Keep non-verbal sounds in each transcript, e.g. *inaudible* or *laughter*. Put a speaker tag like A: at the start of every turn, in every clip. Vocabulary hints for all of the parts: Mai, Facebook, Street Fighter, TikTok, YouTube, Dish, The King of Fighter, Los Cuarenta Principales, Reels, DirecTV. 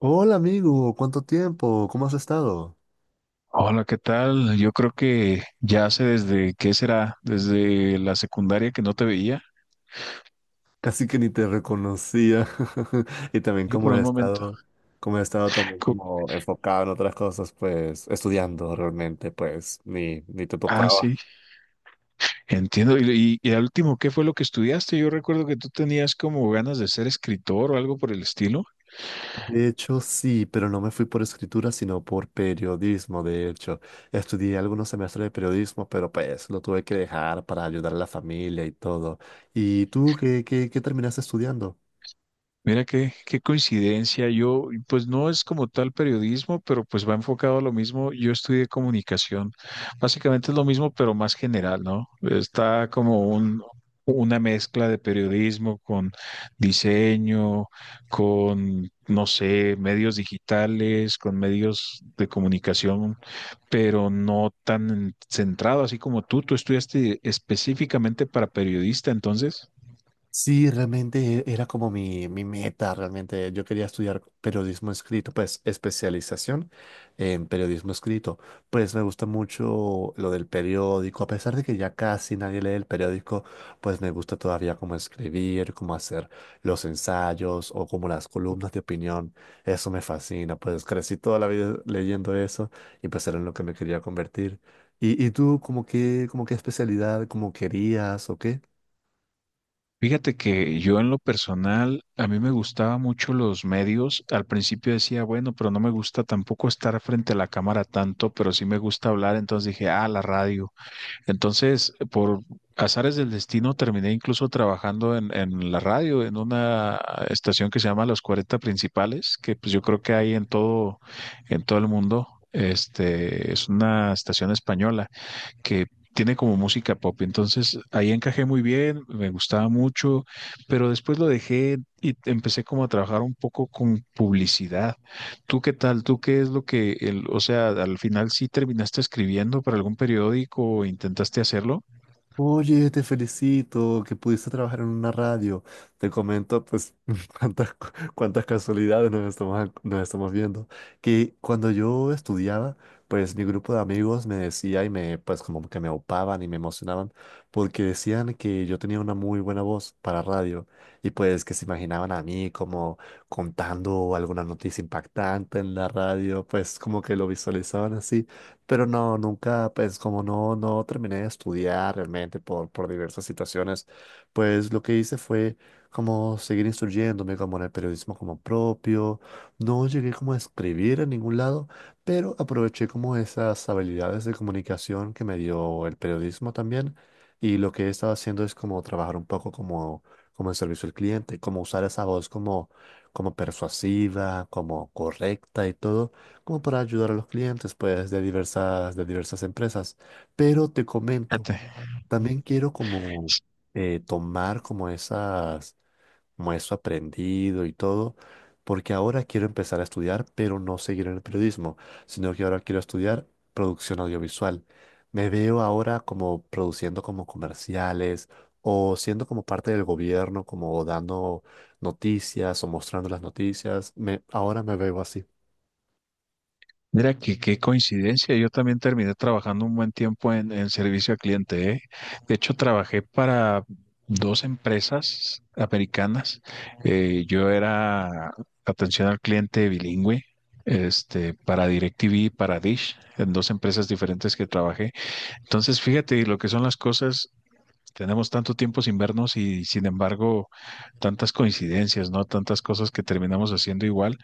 A: Hola amigo, ¿cuánto tiempo? ¿Cómo has estado?
B: Hola, ¿qué tal? Yo creo que ya hace desde, ¿qué será? Desde la secundaria que no te veía.
A: Casi que ni te reconocía. *laughs* Y también
B: Yo por un momento.
A: cómo he estado también
B: Co-
A: como enfocado en otras cosas, pues estudiando realmente, pues ni te
B: Ah, sí,
A: topaba.
B: entiendo. Y al último, ¿qué fue lo que estudiaste? Yo recuerdo que tú tenías como ganas de ser escritor o algo por el estilo.
A: De hecho, sí, pero no me fui por escritura, sino por periodismo, de hecho. Estudié algunos semestres de periodismo, pero pues lo tuve que dejar para ayudar a la familia y todo. ¿Y tú qué terminaste estudiando?
B: Mira qué, qué coincidencia. Yo, pues no es como tal periodismo, pero pues va enfocado a lo mismo. Yo estudié comunicación. Básicamente es lo mismo, pero más general, ¿no? Está como un, una mezcla de periodismo con diseño, con, no sé, medios digitales, con medios de comunicación, pero no tan centrado así como tú. Tú estudiaste específicamente para periodista, entonces.
A: Sí, realmente era como mi meta, realmente yo quería estudiar periodismo escrito, pues especialización en periodismo escrito. Pues me gusta mucho lo del periódico, a pesar de que ya casi nadie lee el periódico, pues me gusta todavía como escribir, como hacer los ensayos o como las columnas de opinión. Eso me fascina, pues crecí toda la vida leyendo eso y pues era en lo que me quería convertir. Y tú, como que, como qué especialidad, como querías o qué?
B: Fíjate que yo en lo personal, a mí me gustaba mucho los medios. Al principio decía, bueno, pero no me gusta tampoco estar frente a la cámara tanto, pero sí me gusta hablar. Entonces dije, ah, la radio. Entonces, por azares del destino, terminé incluso trabajando en la radio, en una estación que se llama Los 40 Principales, que pues yo creo que hay en todo el mundo. Este, es una estación española que tiene como música pop. Entonces ahí encajé muy bien, me gustaba mucho, pero después lo dejé y empecé como a trabajar un poco con publicidad. ¿Tú qué tal? ¿Tú qué es lo que, el, o sea, al final sí terminaste escribiendo para algún periódico o intentaste hacerlo?
A: Oye, te felicito que pudiste trabajar en una radio. Te comento, pues, *laughs* cuántas, cuántas casualidades nos estamos viendo. Que cuando yo estudiaba, pues mi grupo de amigos me decía y me, pues, como que me opaban y me emocionaban porque decían que yo tenía una muy buena voz para radio y pues que se imaginaban a mí como contando alguna noticia impactante en la radio, pues como que lo visualizaban así. Pero no, nunca, pues como no, no terminé de estudiar realmente por diversas situaciones, pues lo que hice fue como seguir instruyéndome como en el periodismo como propio. No llegué como a escribir en ningún lado, pero aproveché como esas habilidades de comunicación que me dio el periodismo también. Y lo que he estado haciendo es como trabajar un poco como, como en servicio al cliente, como usar esa voz como, como persuasiva, como correcta y todo como para ayudar a los clientes, pues, de diversas empresas. Pero te comento,
B: Fíjate.
A: también quiero como tomar como esas, como eso aprendido y todo, porque ahora quiero empezar a estudiar, pero no seguir en el periodismo, sino que ahora quiero estudiar producción audiovisual. Me veo ahora como produciendo como comerciales o siendo como parte del gobierno, como dando noticias o mostrando las noticias. Me, ahora me veo así.
B: Mira, que qué coincidencia. Yo también terminé trabajando un buen tiempo en servicio al cliente, ¿eh? De hecho, trabajé para dos empresas americanas. Yo era atención al cliente bilingüe, este, para DirecTV y para Dish, en dos empresas diferentes que trabajé. Entonces, fíjate lo que son las cosas. Tenemos tanto tiempo sin vernos y, sin embargo, tantas coincidencias, ¿no? Tantas cosas que terminamos haciendo igual.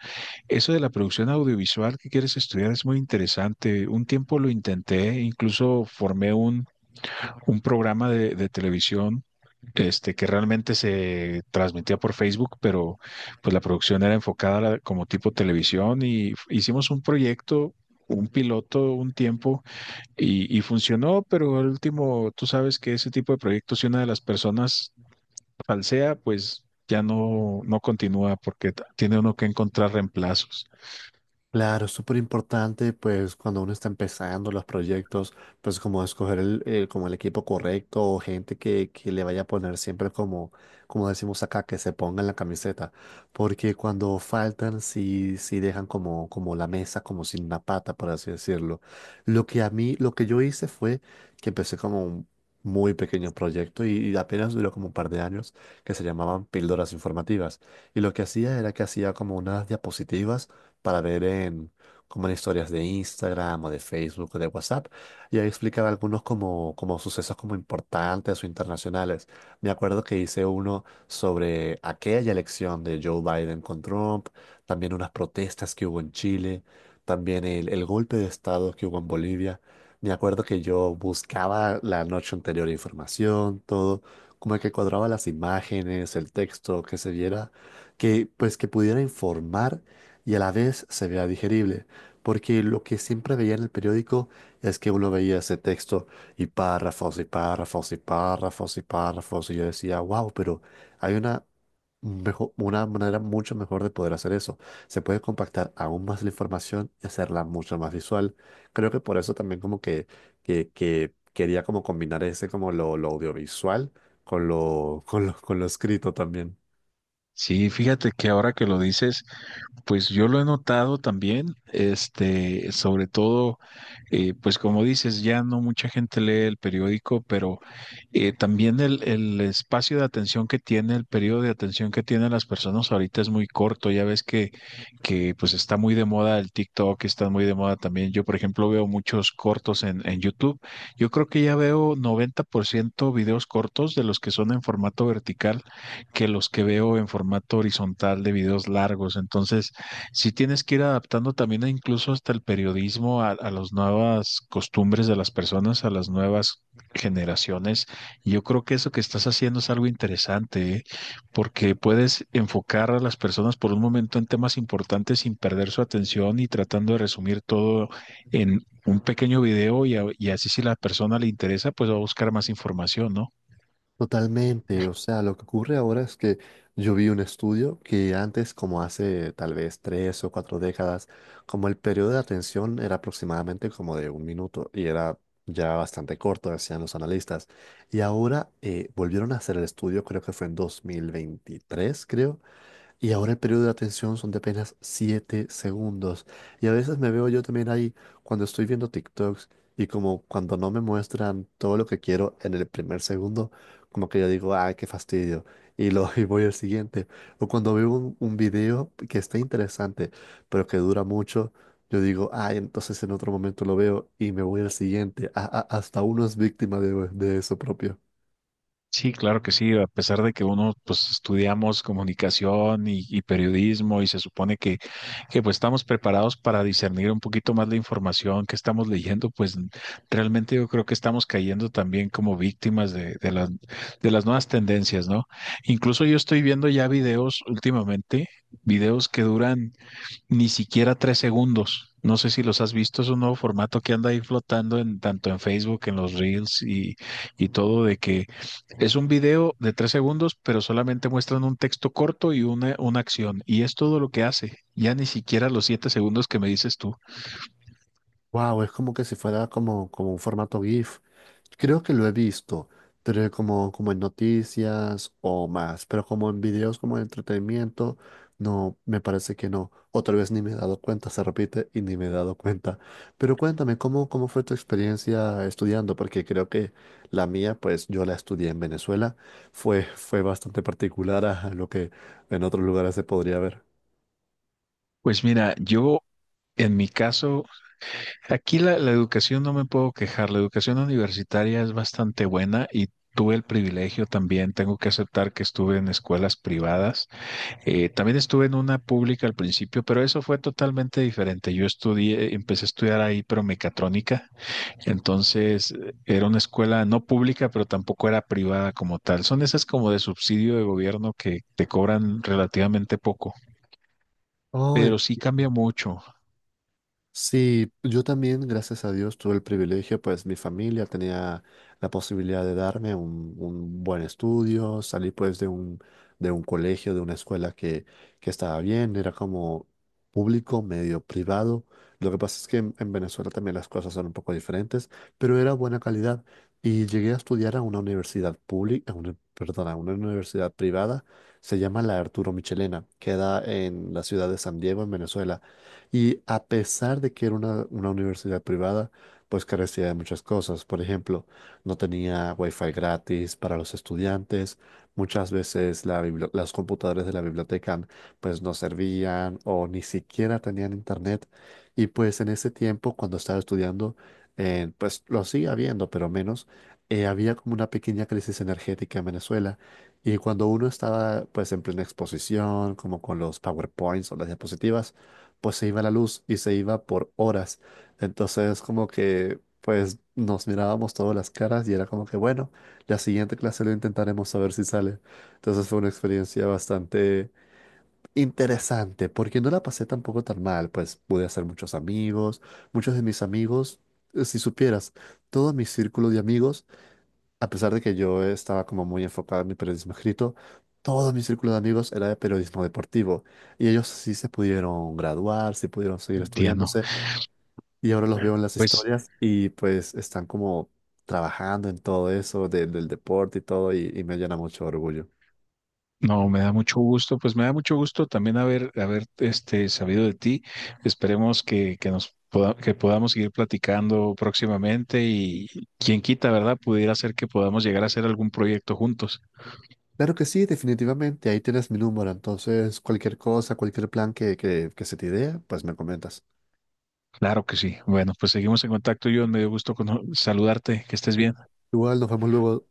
B: Eso de la producción audiovisual que quieres estudiar es muy interesante. Un tiempo lo intenté, incluso formé un programa de televisión este, que realmente se transmitía por Facebook, pero pues la producción era enfocada a como tipo televisión y hicimos un proyecto, un piloto, un tiempo y funcionó, pero al último, tú sabes que ese tipo de proyectos, si una de las personas falsea, pues ya no, no continúa porque tiene uno que encontrar reemplazos.
A: Claro, es súper importante, pues cuando uno está empezando los proyectos, pues como escoger el- como el equipo correcto o gente que le vaya a poner siempre como, como decimos acá, que se ponga en la camiseta, porque cuando faltan, sí, sí dejan como, como la mesa, como sin una pata, por así decirlo. Lo que a mí, lo que yo hice fue que empecé como un muy pequeño proyecto y apenas duró como un par de años, que se llamaban píldoras informativas. Y lo que hacía era que hacía como unas diapositivas para ver en, como en historias de Instagram o de Facebook o de WhatsApp, y ahí explicaba algunos como, como sucesos como importantes o internacionales. Me acuerdo que hice uno sobre aquella elección de Joe Biden con Trump, también unas protestas que hubo en Chile, también el golpe de estado que hubo en Bolivia. Me acuerdo que yo buscaba la noche anterior información, todo, como que cuadraba las imágenes, el texto, que se viera, que pues que pudiera informar y a la vez se vea digerible, porque lo que siempre veía en el periódico es que uno veía ese texto y párrafos y párrafos y párrafos y párrafos y yo decía, wow, pero hay una, mejo- una manera mucho mejor de poder hacer eso. Se puede compactar aún más la información y hacerla mucho más visual. Creo que por eso también como que, que quería como combinar ese como lo audiovisual con lo, con lo, con lo escrito también.
B: Sí, fíjate que ahora que lo dices, pues yo lo he notado también, este, sobre todo, pues como dices, ya no mucha gente lee el periódico, pero también el espacio de atención que tiene, el periodo de atención que tienen las personas ahorita es muy corto. Ya ves que pues está muy de moda el TikTok, está muy de moda también. Yo, por ejemplo, veo muchos cortos en YouTube. Yo creo que ya veo 90% videos cortos de los que son en formato vertical que los que veo en formato horizontal de videos largos. Entonces, sí tienes que ir adaptando también e incluso hasta el periodismo a las nuevas costumbres de las personas, a las nuevas generaciones. Y yo creo que eso que estás haciendo es algo interesante, ¿eh? Porque puedes enfocar a las personas por un momento en temas importantes sin perder su atención y tratando de resumir todo en un pequeño video y, y así si la persona le interesa, pues va a buscar más información, ¿no?
A: Totalmente, o sea, lo que ocurre ahora es que yo vi un estudio que antes, como hace tal vez tres o cuatro décadas, como el periodo de atención era aproximadamente como de un minuto y era ya bastante corto, decían los analistas. Y ahora volvieron a hacer el estudio, creo que fue en 2023, creo, y ahora el periodo de atención son de apenas 7 segundos. Y a veces me veo yo también ahí cuando estoy viendo TikToks y como cuando no me muestran todo lo que quiero en el primer segundo, como que yo digo, ah, qué fastidio. Y, lo, *laughs* y voy al siguiente. O cuando veo un video que está interesante, pero que dura mucho, yo digo, ay entonces en otro momento lo veo y me voy al siguiente. A- hasta uno es víctima de eso propio.
B: Sí, claro que sí, a pesar de que uno pues estudiamos comunicación y periodismo y se supone que pues estamos preparados para discernir un poquito más la información que estamos leyendo, pues realmente yo creo que estamos cayendo también como víctimas de las, de las nuevas tendencias, ¿no? Incluso yo estoy viendo ya videos últimamente, videos que duran ni siquiera 3 segundos. No sé si los has visto, es un nuevo formato que anda ahí flotando en tanto en Facebook, en los Reels y todo, de que es un video de 3 segundos, pero solamente muestran un texto corto y una acción. Y es todo lo que hace. Ya ni siquiera los 7 segundos que me dices tú.
A: Wow, es como que si fuera como, como un formato GIF. Creo que lo he visto, pero es como, como en noticias o más, pero como en videos como de entretenimiento, no, me parece que no. Otra vez ni me he dado cuenta, se repite y ni me he dado cuenta. Pero cuéntame, ¿cómo, cómo fue tu experiencia estudiando? Porque creo que la mía, pues yo la estudié en Venezuela, fue, fue bastante particular a lo que en otros lugares se podría ver.
B: Pues mira, yo en mi caso aquí la, la educación no me puedo quejar, la educación universitaria es bastante buena y tuve el privilegio también, tengo que aceptar que estuve en escuelas privadas. También estuve en una pública al principio, pero eso fue totalmente diferente. Yo estudié, empecé a estudiar ahí, pero mecatrónica, entonces era una escuela no pública, pero tampoco era privada como tal. Son esas como de subsidio de gobierno que te cobran relativamente poco.
A: Oh,
B: Pero sí cambia
A: entiendo.
B: mucho,
A: Sí, yo también, gracias a Dios, tuve el privilegio, pues mi familia tenía la posibilidad de darme un buen estudio, salí pues de un colegio, de una escuela que estaba bien, era como público, medio privado. Lo que pasa es que en Venezuela también las cosas son un poco diferentes, pero era buena calidad y llegué a estudiar a una universidad pública, a una, perdón, a una universidad privada, se llama la Arturo Michelena, queda en la ciudad de San Diego, en Venezuela. Y a pesar de que era una universidad privada, pues carecía de muchas cosas. Por ejemplo, no tenía wifi gratis para los estudiantes. Muchas veces la bibli- las computadoras de la biblioteca pues no servían o ni siquiera tenían internet. Y pues en ese tiempo, cuando estaba estudiando, pues lo sigue habiendo, pero menos. Había como una pequeña crisis energética en Venezuela y cuando uno estaba pues en plena exposición, como con los PowerPoints o las diapositivas, pues se iba la luz y se iba por horas. Entonces como que pues nos mirábamos todas las caras y era como que bueno, la siguiente clase lo intentaremos a ver si sale. Entonces fue una experiencia bastante interesante porque no la pasé tampoco tan mal, pues pude hacer muchos amigos, muchos de mis amigos, si supieras, todo mi círculo de amigos a pesar de que yo estaba como muy enfocado en mi periodismo escrito, todo mi círculo de amigos era de periodismo deportivo y ellos sí se pudieron graduar, sí pudieron seguir
B: entiendo.
A: estudiándose y ahora los veo en las
B: Pues
A: historias y pues están como trabajando en todo eso de- del deporte y todo y me llena mucho de orgullo.
B: no, me da mucho gusto, pues me da mucho gusto también haber, haber este, sabido de ti. Esperemos que nos que podamos seguir platicando próximamente y quien quita, ¿verdad? Pudiera ser que podamos llegar a hacer algún proyecto juntos.
A: Claro que sí, definitivamente, ahí tienes mi número, entonces cualquier cosa, cualquier plan que, que se te idea, pues me comentas.
B: Claro que sí. Bueno, pues seguimos en contacto, John. Me dio gusto saludarte. Que estés bien.
A: Igual nos vemos luego.